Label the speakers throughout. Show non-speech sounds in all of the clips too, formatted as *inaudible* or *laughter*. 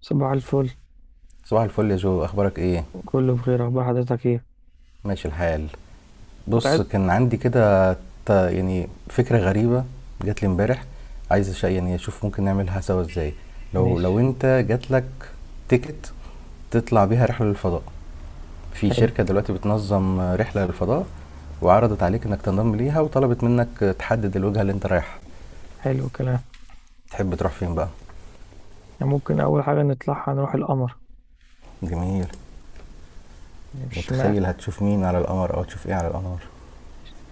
Speaker 1: صباح الفل.
Speaker 2: صباح الفل يا جو، اخبارك ايه؟
Speaker 1: كله بخير. اخبار حضرتك ايه؟
Speaker 2: ماشي الحال.
Speaker 1: كنت
Speaker 2: بص،
Speaker 1: عايز.
Speaker 2: كان عندي كده يعني فكرة غريبة جات لي امبارح. عايز يعني اشوف ممكن نعملها سوا ازاي. لو
Speaker 1: ماشي.
Speaker 2: لو انت جات لك تيكت تطلع بيها رحلة للفضاء، في
Speaker 1: حلو.
Speaker 2: شركة دلوقتي بتنظم رحلة للفضاء، وعرضت عليك انك تنضم ليها وطلبت منك تحدد الوجهة اللي انت رايحها،
Speaker 1: حلو الكلام.
Speaker 2: تحب تروح فين بقى؟
Speaker 1: يعني ممكن اول حاجه نطلعها نروح القمر.
Speaker 2: جميل.
Speaker 1: مش مع...
Speaker 2: متخيل هتشوف مين على القمر او تشوف ايه على القمر؟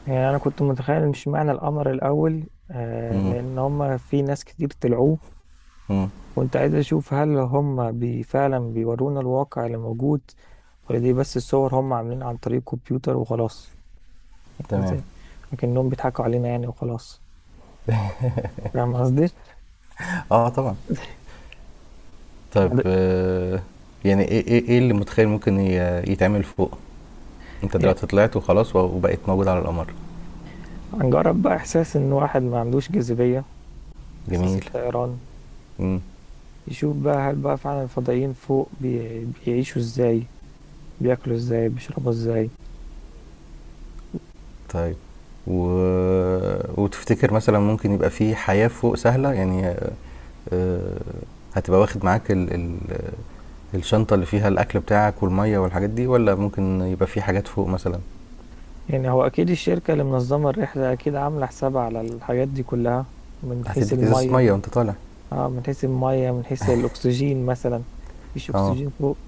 Speaker 1: يعني انا كنت متخيل مش معنى القمر الاول
Speaker 2: امم
Speaker 1: لان هم في ناس كتير طلعوه.
Speaker 2: امم
Speaker 1: كنت عايز اشوف هل هم فعلا بيورونا الواقع اللي موجود، ولا دي بس الصور هم عاملينها عن طريق كمبيوتر وخلاص. يعني
Speaker 2: تمام.
Speaker 1: ازاي؟ لكنهم بيضحكوا علينا يعني وخلاص. فاهم قصدي؟
Speaker 2: اه طبعا. طب
Speaker 1: *laughs*
Speaker 2: آه، يعني ايه اللي متخيل ممكن يتعمل فوق؟ انت
Speaker 1: يعني
Speaker 2: دلوقتي طلعت وخلاص و- وبقيت موجود على القمر.
Speaker 1: هنجرب بقى احساس ان واحد ما عندوش جاذبيه، إحساس
Speaker 2: جميل.
Speaker 1: الطيران.
Speaker 2: امم
Speaker 1: يشوف بقى هل بقى فعلا الفضائيين فوق بيعيشوا إزاي، بياكلوا إزاي، بيشربوا إزاي.
Speaker 2: طيب. و... وتفتكر مثلا ممكن يبقى في حياة فوق سهلة يعني، آه، هتبقى واخد معاك الشنطة اللي فيها الأكل بتاعك والمية والحاجات دي، ولا ممكن يبقى في حاجات فوق مثلا؟
Speaker 1: يعني هو أكيد الشركة اللي منظمة الرحلة أكيد عاملة حسابها على الحاجات دي كلها، من حيث
Speaker 2: هتديك إزازة
Speaker 1: المية.
Speaker 2: مية وأنت طالع.
Speaker 1: آه، من حيث المية، من حيث الأكسجين مثلا. مفيش
Speaker 2: اه
Speaker 1: أكسجين فوق.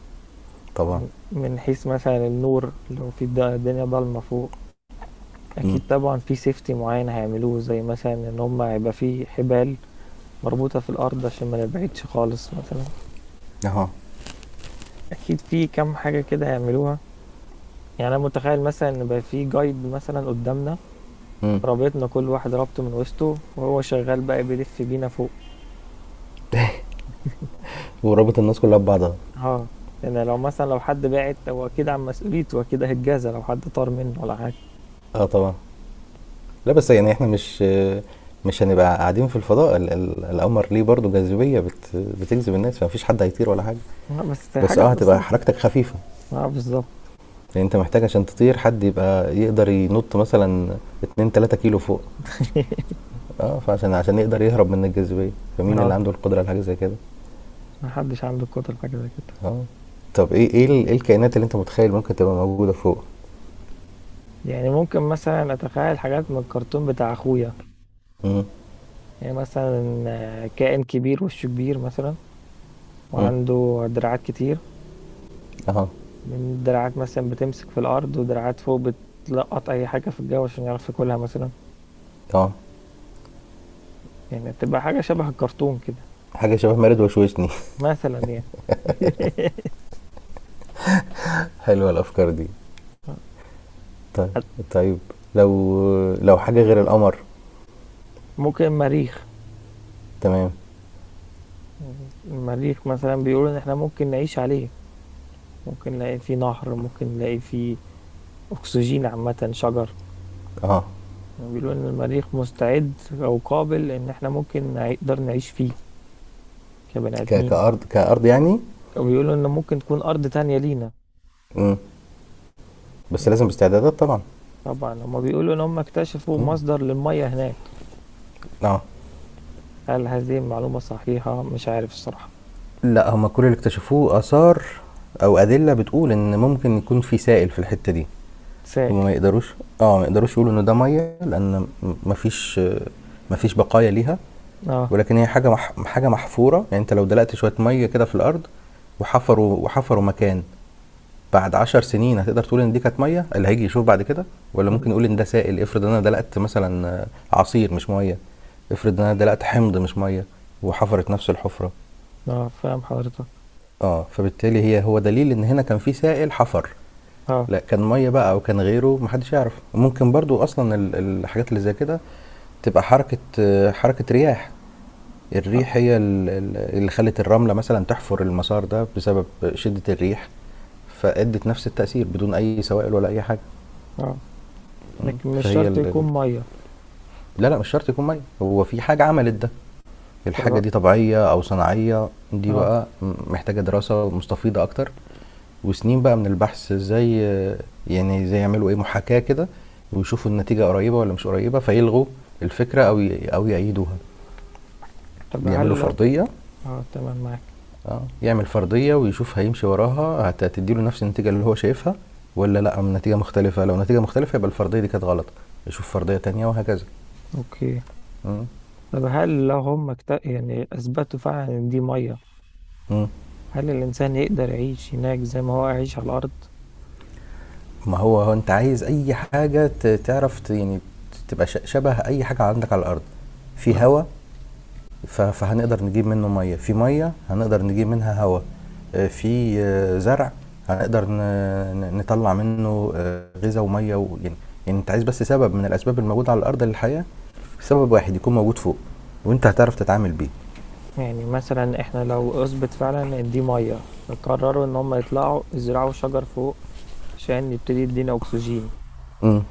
Speaker 2: طبعا.
Speaker 1: من حيث مثلا النور، لو في الدنيا ضلمة فوق،
Speaker 2: امم
Speaker 1: أكيد طبعا في سيفتي معين هيعملوه، زي مثلا إن هما هيبقى في حبال مربوطة في الأرض عشان ما نبعدش خالص مثلا.
Speaker 2: اهو.
Speaker 1: أكيد في كام حاجة كده هيعملوها. يعني انا متخيل مثلا ان بقى في جايد مثلا قدامنا،
Speaker 2: امم
Speaker 1: رابطنا كل واحد رابطه من وسطه، وهو شغال بقى بيلف بينا فوق.
Speaker 2: ورابط الناس كلها ببعضها.
Speaker 1: اه، لان لو مثلا لو حد بعت هو اكيد عن مسؤوليته، اكيد هيتجازى لو حد طار منه ولا حاجه.
Speaker 2: اه طبعا. لا بس يعني احنا مش هنبقى قاعدين في الفضاء. القمر ليه برضه جاذبية بتجذب الناس، فمفيش حد هيطير ولا حاجة.
Speaker 1: بس
Speaker 2: بس
Speaker 1: حاجه
Speaker 2: اه هتبقى
Speaker 1: بسيطه.
Speaker 2: حركتك خفيفة،
Speaker 1: اه بالظبط.
Speaker 2: لان انت محتاج عشان تطير حد يبقى يقدر ينط مثلا 2 3 كيلو فوق.
Speaker 1: *laughs*
Speaker 2: اه عشان يقدر يهرب من الجاذبية، فمين اللي
Speaker 1: اه،
Speaker 2: عنده القدرة على حاجة زي كده؟
Speaker 1: محدش عنده قدرة حاجه زي كده.
Speaker 2: اه. طب إيه الكائنات اللي انت متخيل ممكن تبقى موجودة فوق؟
Speaker 1: يعني ممكن مثلا اتخيل حاجات من الكرتون بتاع اخويا. يعني مثلا كائن كبير وشه كبير مثلا،
Speaker 2: مم.
Speaker 1: وعنده دراعات كتير،
Speaker 2: اه.
Speaker 1: من دراعات مثلا بتمسك في الأرض ودراعات فوق بتلقط أي حاجة في الجو عشان يعرف ياكلها مثلا.
Speaker 2: اه.
Speaker 1: يعني بتبقى حاجة شبه الكرتون كده،
Speaker 2: حاجة شبه مارد وشوشني. *laughs*
Speaker 1: مثلا يعني. *laughs*
Speaker 2: حلوة الافكار دي. طيب. طيب. لو، لو حاجة غير القمر.
Speaker 1: ممكن مريخ.
Speaker 2: تمام.
Speaker 1: المريخ مثلا بيقولوا إن إحنا ممكن نعيش عليه، ممكن نلاقي فيه نهر، ممكن نلاقي فيه أكسجين، عامة شجر.
Speaker 2: اه،
Speaker 1: يعني بيقولوا إن المريخ مستعد أو قابل إن إحنا ممكن نقدر نعيش فيه كبني آدمين يعني،
Speaker 2: كارض، كارض يعني.
Speaker 1: وبيقولوا إن ممكن تكون أرض تانية لينا.
Speaker 2: مم. بس
Speaker 1: يعني
Speaker 2: لازم باستعدادات طبعا.
Speaker 1: طبعا هما بيقولوا ان هم اكتشفوا مصدر للمية هناك.
Speaker 2: اه،
Speaker 1: هل هذه المعلومة صحيحة؟ مش عارف الصراحة.
Speaker 2: لا، هما كل اللي اكتشفوه اثار او ادله بتقول ان ممكن يكون في سائل في الحته دي.
Speaker 1: سائل.
Speaker 2: هما ما يقدروش، اه ما يقدروش يقولوا ان ده ميه لان مفيش، مفيش بقايا ليها.
Speaker 1: اه.
Speaker 2: ولكن هي حاجه محفوره، يعني انت لو دلقت شويه ميه كده في الارض وحفروا مكان، بعد 10 سنين هتقدر تقول ان دي كانت ميه اللي هيجي يشوف بعد كده. ولا ممكن يقول ان ده سائل، افرض انا دلقت مثلا، عصير مش ميه، افرض انا دلقت حمض مش ميه وحفرت نفس الحفره.
Speaker 1: اه فاهم حضرتك.
Speaker 2: اه، فبالتالي هو دليل ان هنا كان في سائل حفر.
Speaker 1: اه.
Speaker 2: لا كان ميه بقى او كان غيره محدش يعرف. وممكن برضو اصلا الحاجات اللي زي كده تبقى حركه، حركه رياح. الريح هي اللي خلت الرمله مثلا تحفر المسار ده بسبب شده الريح، فادت نفس التاثير بدون اي سوائل ولا اي حاجه.
Speaker 1: اه
Speaker 2: مم.
Speaker 1: لكن مش شرط يكون مية.
Speaker 2: لا، لا مش شرط يكون ميه، هو في حاجة عملت ده. الحاجة
Speaker 1: طب.
Speaker 2: دي طبيعية أو صناعية دي
Speaker 1: اه.
Speaker 2: بقى محتاجة دراسة مستفيضة أكتر، وسنين بقى من البحث ازاي، يعني زي يعملوا ايه محاكاة كده، ويشوفوا النتيجة قريبة ولا مش قريبة فيلغوا الفكرة أو أو يأيدوها،
Speaker 1: طب
Speaker 2: يعملوا
Speaker 1: هل لو.
Speaker 2: فرضية.
Speaker 1: اه تمام معاك.
Speaker 2: اه، يعمل فرضية ويشوف هيمشي وراها هتديله نفس النتيجة اللي هو شايفها ولا لا، نتيجة مختلفة. لو نتيجة مختلفة يبقى الفرضية دي كانت غلط، يشوف فرضية تانية وهكذا.
Speaker 1: اوكي.
Speaker 2: مم.
Speaker 1: طب هل لو هم يعني اثبتوا فعلا ان دي مية،
Speaker 2: مم.
Speaker 1: هل الانسان يقدر يعيش هناك زي ما هو عايش على الارض؟
Speaker 2: ما هو انت عايز اي حاجة تعرف يعني تبقى شبه اي حاجة عندك على الارض. في
Speaker 1: آه.
Speaker 2: هواء؟ فهنقدر نجيب منه مية في مية، هنقدر نجيب منها هواء. في زرع؟ هنقدر نطلع منه غذاء ومية يعني. يعني انت عايز بس سبب من الاسباب الموجودة على الارض للحياة، سبب واحد يكون موجود فوق، وانت هتعرف تتعامل بيه.
Speaker 1: يعني مثلا احنا لو اثبت فعلا ان دي ميه، فقرروا ان هم يطلعوا يزرعوا شجر فوق عشان يبتدي يدينا اكسجين،
Speaker 2: مم.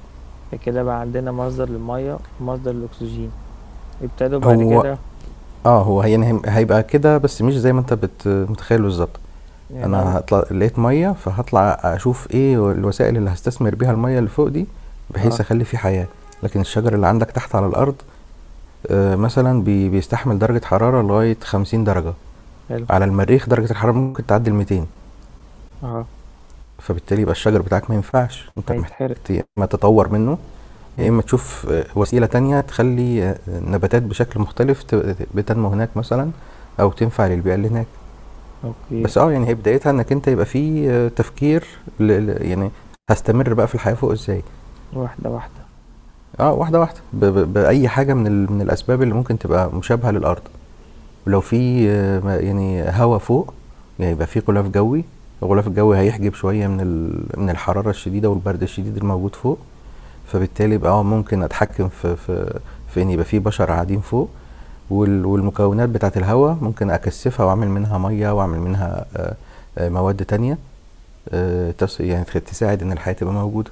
Speaker 1: فكده بقى عندنا مصدر للميه ومصدر للاكسجين، ابتدوا بعد
Speaker 2: هو
Speaker 1: كده.
Speaker 2: آه، هو هي يعني هيبقى كده بس مش زي ما أنت متخيّل بالضبط.
Speaker 1: يعني هم-
Speaker 2: أنا هاطلع لقيت مَيّة، فهاطلع أشوف إيه الوسائل اللي هاستثمر بيها المَيّة اللي فوق دي، بحيث
Speaker 1: اه.
Speaker 2: أخلّي في حياة. لكن الشجر اللي عندك تحت على الأرض مثلًا بيستحمل درجة حرارة لغاية 50 درجة،
Speaker 1: حلو.
Speaker 2: على المريخ درجة الحرارة ممكن تعدّي ال200،
Speaker 1: اه
Speaker 2: فبالتالي يبقى الشجر بتاعك ما ينفعش، أنت محتاج
Speaker 1: هيتحرق.
Speaker 2: يا إمّا تطوّر منّه، يا إمّا
Speaker 1: امم.
Speaker 2: تشوف وسيلة تانية تخلّي النباتات بشكل مختلف بتنمو هناك مثلًا، أو تنفع للبيئة اللي هناك.
Speaker 1: اوكي.
Speaker 2: بس اه يعني هي بدايتها انك انت يبقى في تفكير، يعني هستمر بقى في الحياة فوق ازاي.
Speaker 1: واحده واحده.
Speaker 2: اه واحدة واحدة بأي حاجة من من الأسباب اللي ممكن تبقى مشابهة للأرض. ولو في يعني هواء فوق، يعني يبقى في غلاف جوي، الغلاف الجوي هيحجب شوية من من الحرارة الشديدة والبرد الشديد الموجود فوق. فبالتالي يبقى اه ممكن أتحكم في في إن يبقى في بشر قاعدين فوق. وال- والمكونات بتاعت الهواء ممكن اكثفها واعمل منها ميه واعمل منها مواد تانية، يعني تساعد ان الحياه تبقى موجوده.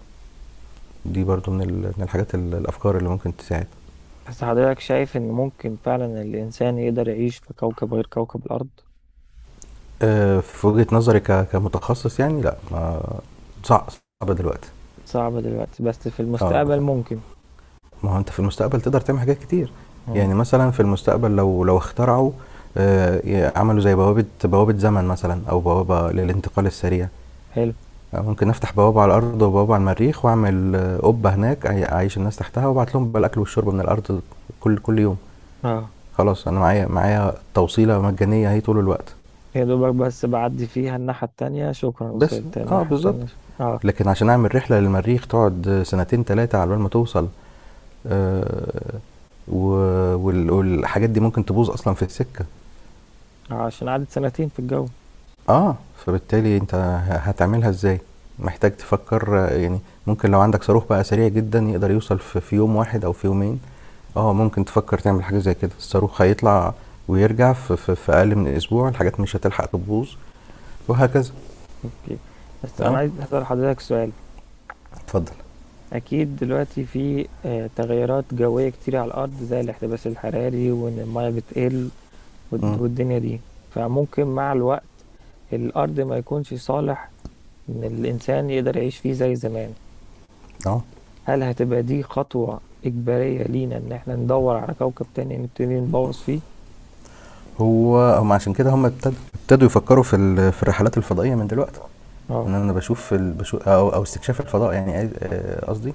Speaker 2: دي برضو من من الحاجات الافكار اللي ممكن تساعد.
Speaker 1: بس حضرتك شايف ان ممكن فعلا الانسان يقدر يعيش في كوكب غير كوكب الارض؟
Speaker 2: في وجهه نظري كمتخصص يعني لا ما، صعب صعب دلوقتي.
Speaker 1: صعب دلوقتي بس في
Speaker 2: اه،
Speaker 1: المستقبل ممكن.
Speaker 2: ما هو انت في المستقبل تقدر تعمل حاجات كتير. يعني
Speaker 1: امم.
Speaker 2: مثلا في المستقبل لو، لو اخترعوا، عملوا زي بوابه زمن مثلا او بوابه للانتقال السريع،
Speaker 1: حلو.
Speaker 2: ممكن افتح بوابه على الارض وبوابه على المريخ واعمل قبه هناك اعيش الناس تحتها وابعت لهم بقى الاكل والشرب من الارض كل يوم.
Speaker 1: اه.
Speaker 2: خلاص انا معايا توصيله مجانيه اهي طول الوقت.
Speaker 1: يا دوبك بس بعدي فيها الناحية التانية شكرا،
Speaker 2: بس
Speaker 1: وصلت
Speaker 2: اه
Speaker 1: الناحية
Speaker 2: بالظبط.
Speaker 1: التانية شكرا. اه.
Speaker 2: لكن عشان اعمل رحله للمريخ تقعد سنتين ثلاثه على بال ما توصل، آه، و- وال- والحاجات دي ممكن تبوظ اصلا في السكه.
Speaker 1: عشان قعدت سنتين في الجو.
Speaker 2: اه فبالتالي انت هتعملها ازاي؟ محتاج تفكر، يعني ممكن لو عندك صاروخ بقى سريع جدا يقدر يوصل في يوم واحد او في يومين. اه ممكن تفكر تعمل حاجه زي كده، الصاروخ هيطلع ويرجع في, اقل من اسبوع، الحاجات مش هتلحق تبوظ، وهكذا.
Speaker 1: اوكي. بس انا
Speaker 2: اه.
Speaker 1: عايز اسأل حضرتك سؤال.
Speaker 2: اتفضل.
Speaker 1: اكيد دلوقتي في تغيرات جوية كتير على الارض، زي الاحتباس الحراري، وان المية بتقل،
Speaker 2: امم
Speaker 1: والدنيا دي، فممكن مع الوقت الارض ما يكونش صالح ان الانسان يقدر يعيش فيه زي زمان.
Speaker 2: اه.
Speaker 1: هل هتبقى دي خطوة اجبارية لينا، ان احنا ندور على كوكب تاني نبتدي نبوظ فيه؟
Speaker 2: هم عشان كده هم ابتدوا يفكروا في في الرحلات الفضائيه من دلوقتي.
Speaker 1: اه.
Speaker 2: ان بشوف بشوف او او استكشاف الفضاء، يعني قصدي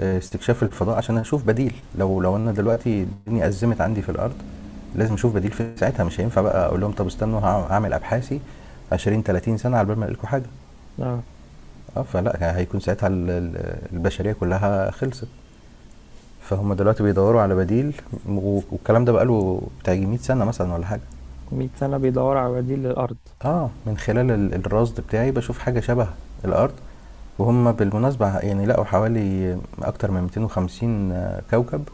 Speaker 2: آه، استكشاف الفضاء عشان اشوف بديل، لو لو انا دلوقتي الدنيا ازمت عندي في الارض لازم اشوف بديل. في ساعتها مش هينفع بقى اقول لهم طب استنوا هعمل ابحاثي 20 30 سنه على بال ما الاقي لكم حاجه.
Speaker 1: اه
Speaker 2: اه فلا، هيكون ساعتها البشريه كلها خلصت. فهم دلوقتي بيدوروا على بديل. و- والكلام ده بقاله بتاع يجي 100 سنة مثلا ولا حاجة.
Speaker 1: 100 سنة بيدور على بديل للأرض.
Speaker 2: اه من خلال الرصد بتاعي بشوف حاجة شبه الأرض. وهم بالمناسبة يعني لقوا حوالي أكتر من 250 كوكب،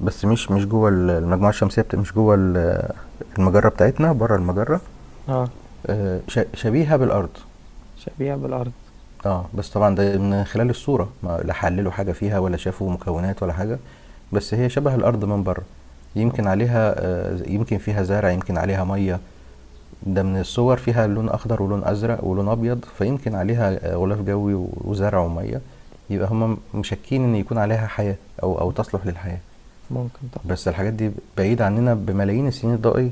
Speaker 2: بس مش جوه المجموعة الشمسية مش جوه المجرة بتاعتنا، بره المجرة.
Speaker 1: اه
Speaker 2: شبيهة بالأرض.
Speaker 1: شبيهة بالأرض.
Speaker 2: اه بس طبعا ده من خلال الصورة ما لا حللوا حاجة فيها ولا شافوا مكونات ولا حاجة، بس هي شبه الأرض من بره،
Speaker 1: آه،
Speaker 2: يمكن عليها يمكن فيها زرع يمكن عليها مية، ده من الصور فيها لون أخضر ولون أزرق ولون أبيض، فيمكن عليها غلاف جوي و- وزرع ومية. يبقى هم مشكين إن يكون عليها حياة أو أو تصلح للحياة.
Speaker 1: ممكن طبعا.
Speaker 2: بس الحاجات دي بعيدة عننا بملايين السنين الضوئية.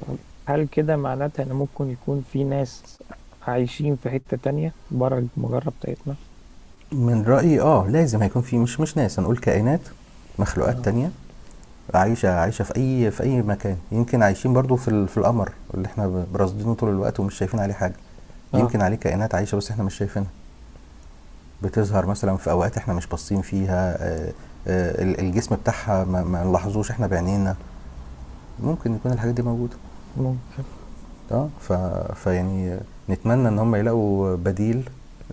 Speaker 1: طب هل كده معناتها إن ممكن يكون في ناس عايشين في حتة تانية بره المجرة بتاعتنا؟
Speaker 2: من رأيي اه لازم هيكون في، مش ناس هنقول، كائنات مخلوقات
Speaker 1: اه.
Speaker 2: تانية عايشة، عايشة في أي، في أي مكان. يمكن عايشين برضو في في القمر اللي احنا براصدينه طول الوقت ومش شايفين عليه حاجة.
Speaker 1: اه
Speaker 2: يمكن عليه كائنات عايشة بس احنا مش شايفينها، بتظهر مثلا في أوقات احنا مش باصين فيها، الجسم بتاعها ما ما نلاحظوش احنا بعينينا. ممكن يكون الحاجات دي موجودة.
Speaker 1: ممكن.
Speaker 2: اه فيعني، نتمنى ان هم يلاقوا بديل،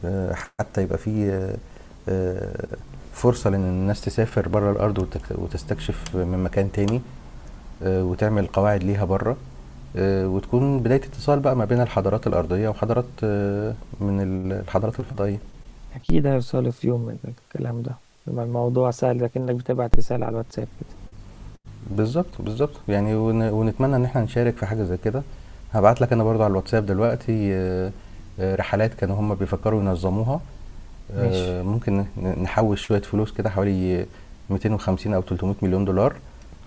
Speaker 2: آه، حتى يبقى فيه آه، فرصة لأن الناس تسافر بره الأرض وتستكشف من مكان تاني، وتعمل قواعد ليها بره، وتكون بداية اتصال بقى ما بين الحضارات الأرضية وحضارات من الحضارات الفضائية.
Speaker 1: أكيد هيوصلوا في يوم من الكلام ده. يبقى الموضوع سهل لكنك بتبعت رسالة على الواتساب كده.
Speaker 2: بالظبط بالظبط، يعني ون- ونتمنى إن احنا نشارك في حاجة زي كده. هبعت لك أنا برضو على الواتساب دلوقتي، رحلات كانوا هم بيفكروا ينظموها،
Speaker 1: ماشي.
Speaker 2: ممكن نحوش شوية فلوس كده حوالي 250 أو 300 مليون دولار،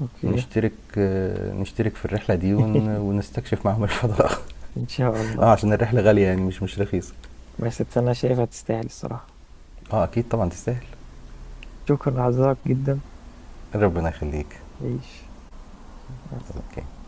Speaker 1: أوكي *laughs*
Speaker 2: نشترك، نشترك في الرحلة دي ون- ونستكشف معاهم الفضاء.
Speaker 1: إن شاء
Speaker 2: *laughs* اه
Speaker 1: الله.
Speaker 2: عشان الرحلة غالية يعني، مش مش رخيصة.
Speaker 1: بس أنا شايفها تستاهل الصراحة.
Speaker 2: اه اكيد طبعا تستاهل.
Speaker 1: شكرا لحضرتك جدا.
Speaker 2: ربنا يخليك.
Speaker 1: عيش. مع السلامة.
Speaker 2: اوكي.